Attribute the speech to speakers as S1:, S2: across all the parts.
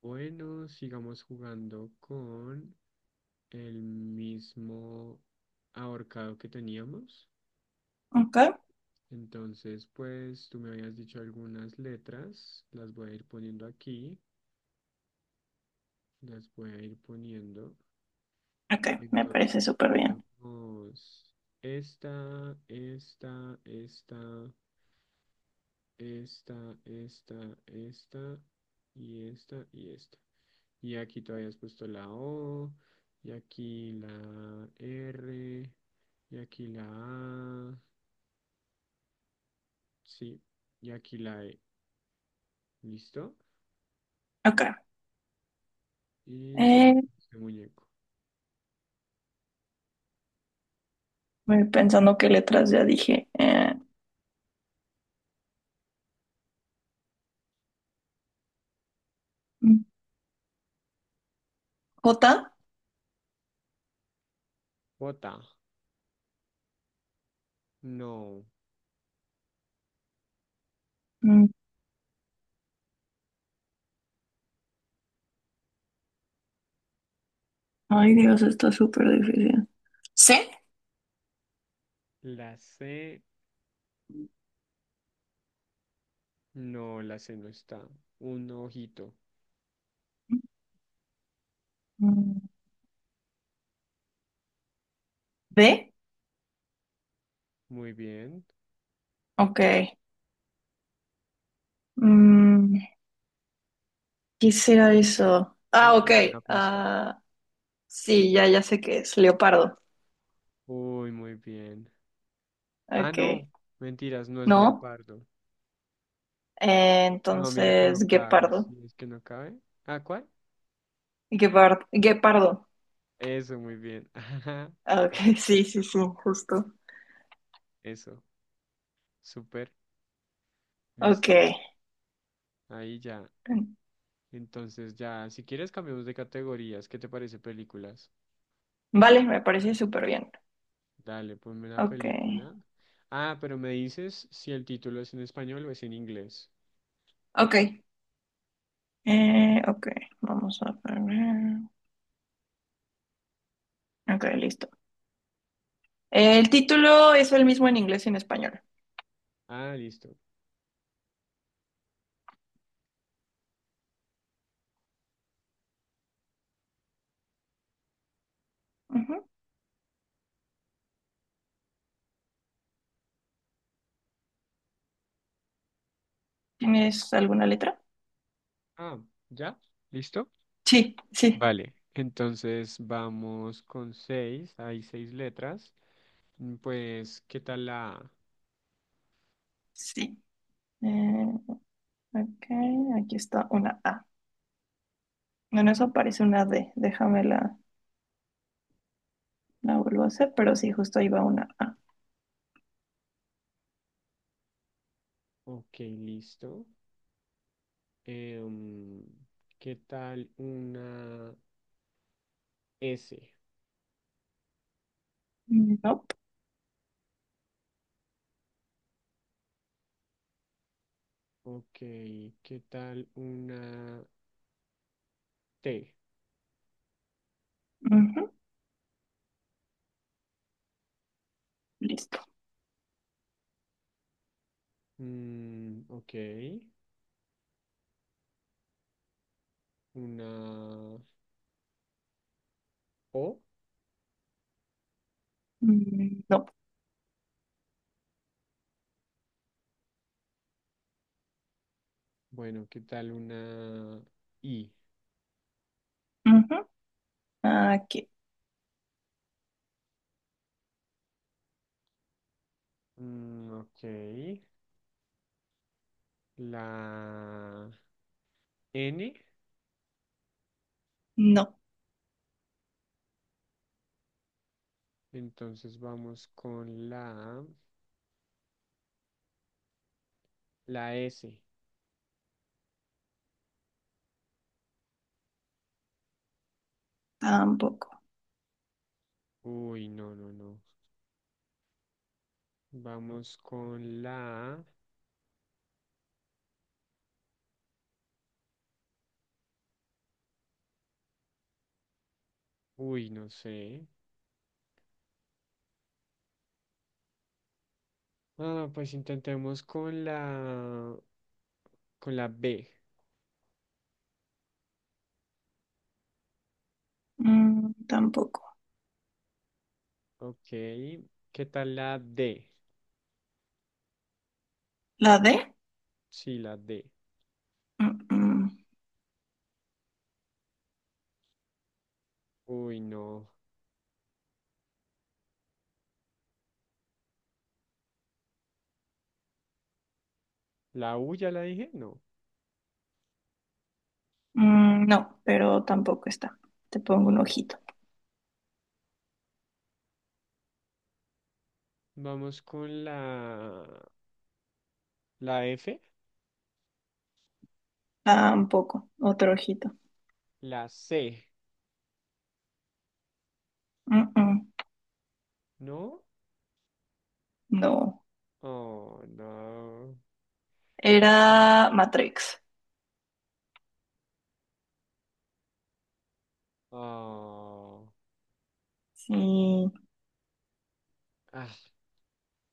S1: Bueno, sigamos jugando con el mismo ahorcado que teníamos.
S2: Ok,
S1: Entonces, pues tú me habías dicho algunas letras, las voy a ir poniendo aquí, las voy a ir poniendo.
S2: ok, me
S1: Entonces,
S2: parece súper bien.
S1: teníamos esta, esta, esta, esta, esta, esta y esta y esta. Y aquí tú habías puesto la O, y aquí la R, y aquí la A, sí, y aquí la E. ¿Listo?
S2: Ok,
S1: Y ya,
S2: eh,
S1: este muñeco.
S2: voy pensando qué letras ya dije. Mm, J.
S1: J, no.
S2: Mm, Ay, Dios, está súper difícil. C.
S1: La C, no, la C no está. Un ojito.
S2: Mm, D.
S1: Muy bien.
S2: Ok. Mm, ¿Qué será eso? Ah,
S1: Es
S2: ok.
S1: una buena pista.
S2: Ah, sí, ya sé qué es. Leopardo.
S1: Uy, muy bien. Ah, no.
S2: Ok.
S1: Mentiras, no es
S2: No.
S1: leopardo. No, mira que no
S2: Entonces,
S1: cabe. Sí,
S2: guepardo.
S1: es que no cabe. ¿Ah, cuál?
S2: Guepardo.
S1: Eso, muy bien. Ajá,
S2: Ah, Ok, sí, sí, sí, justo.
S1: eso. Súper,
S2: Ok.
S1: listo. Ahí ya. Entonces ya, si quieres cambiamos de categorías. ¿Qué te parece películas?
S2: Vale, me parece súper bien.
S1: Dale, ponme una
S2: Ok,
S1: película. Ah, pero me dices si el título es en español o es en inglés.
S2: ok, ok, vamos a poner. Ok, listo. El título es el mismo en inglés y en español.
S1: Ah, listo.
S2: Ujú. ¿Tienes alguna letra?
S1: Ah, ¿ya? ¿Listo?
S2: Sí, sí,
S1: Vale. Entonces vamos con seis. Hay seis letras. Pues, ¿qué tal la A?
S2: sí. Eh, ok, aquí está una A. Bueno, eso parece una D. La vuelvo a hacer, pero sí, justo ahí va una A.
S1: Ok, listo. Em, ¿Qué tal una S?
S2: Nope.
S1: Ok, ¿qué tal una T?
S2: Ujú, listo.
S1: Ok, una O.
S2: Nope.
S1: Bueno, ¿qué tal una I?
S2: Ujú. Aquí.
S1: Ok, la N.
S2: No,
S1: Entonces vamos con la S.
S2: tampoco.
S1: Uy, no, no, no. Vamos con la... Uy, no sé. Ah, pues intentemos con la B.
S2: Tampoco.
S1: Ok, ¿qué tal la D?
S2: ¿La D?
S1: Sí, la D.
S2: Mm.
S1: Uy, no. ¿La U ya la dije? No.
S2: No, pero tampoco está. Te pongo un
S1: Oh,
S2: ojito.
S1: vamos con la... ¿La F?
S2: Tampoco. Otro ojito.
S1: La C,
S2: Mm, mm,
S1: ¿no?
S2: No.
S1: Oh, no. Sí.
S2: Era Matrix.
S1: Oh.
S2: Sí.
S1: Ah,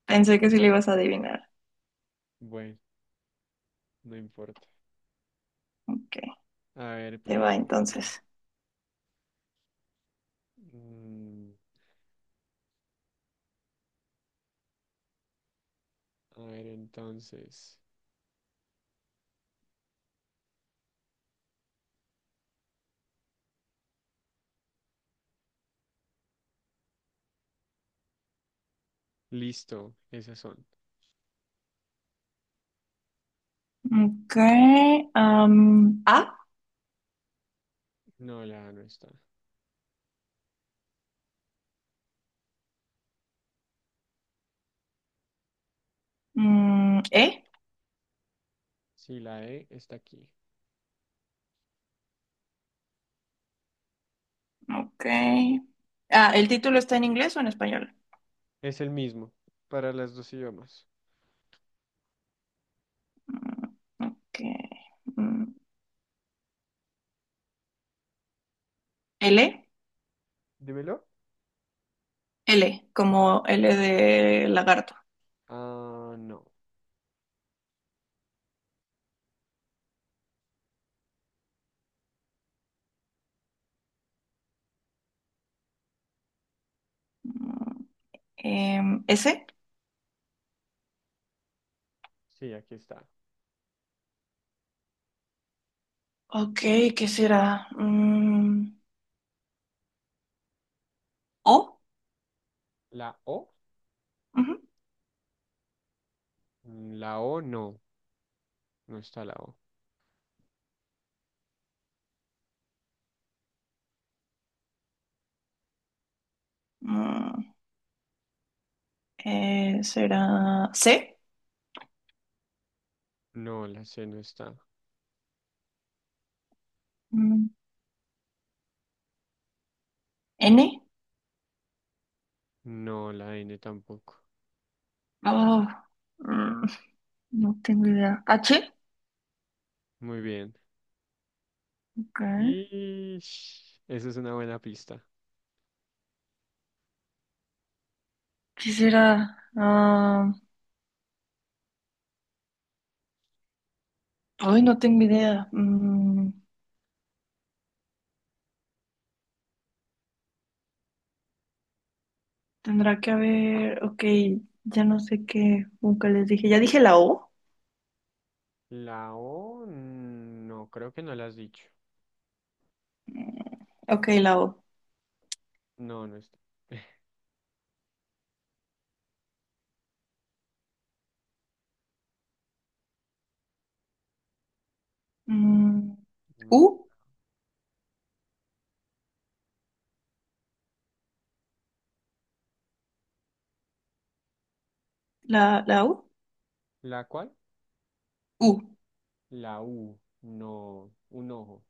S2: Pensé que sí le ibas a adivinar.
S1: bueno, no importa.
S2: Ok.
S1: A ver,
S2: Te va
S1: pongo una yo.
S2: entonces.
S1: Mm, a ver, entonces. Listo, esas son.
S2: Ok. A.
S1: No, la A no está.
S2: E.
S1: Sí, la E está aquí.
S2: Ok. Ah, ¿el título está en inglés o en español?
S1: Es el mismo para las dos idiomas.
S2: Ok. Mm, L.
S1: Dímelo.
S2: L. Como L de lagarto.
S1: Ah, no.
S2: Mm, S.
S1: Sí, aquí está.
S2: Ok, ¿qué será? ¿O?
S1: ¿La O?
S2: Ujú.
S1: La O no, no está la O.
S2: Mm, ¿Será C?
S1: No, la C no está.
S2: Mm, ¿N?
S1: No, la N tampoco.
S2: Oh, mm, no tengo idea. ¿H?
S1: Muy bien.
S2: Ok,
S1: Y esa es una buena pista.
S2: ¿qué será? Ah, hoy no tengo idea. Tendrá que haber... Ok, ya no sé qué. Nunca les dije. ¿Ya dije la O?
S1: La O no, creo que no la has dicho.
S2: Mm, ok, la O.
S1: No, no está.
S2: Mm,
S1: No está.
S2: ¿U? ¿La U?
S1: ¿La cuál?
S2: U.
S1: La U. No, un ojo.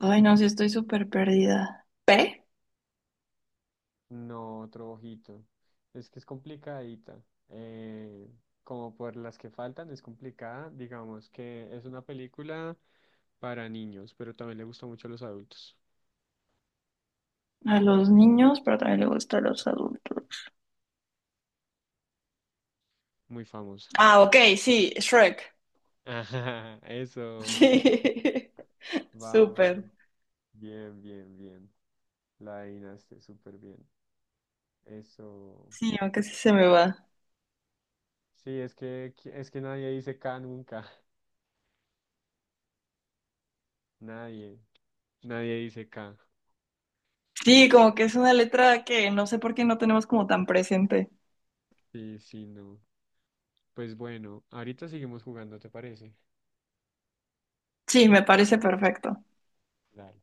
S2: Ay, no, sí estoy súper perdida. ¿P?
S1: No, otro ojito. Es que es complicadita. eh, Como por las que faltan, es complicada. Digamos que es una película para niños, pero también le gusta mucho a los adultos.
S2: A los niños, pero también le gusta a los adultos.
S1: Muy famosa.
S2: Ah, ok, sí, Shrek.
S1: Ajá, eso.
S2: Sí,
S1: Vamos.
S2: súper.
S1: Bien, bien, bien. La adivinaste súper bien. Eso.
S2: Sí, aunque sí se me va.
S1: Sí, es que, nadie dice K nunca. Nadie. Nadie dice K.
S2: Sí, como que es una letra que no sé por qué no tenemos como tan presente.
S1: Sí, sí, no. Pues bueno, ahorita seguimos jugando, ¿te parece?
S2: Sí, me parece perfecto.
S1: Dale.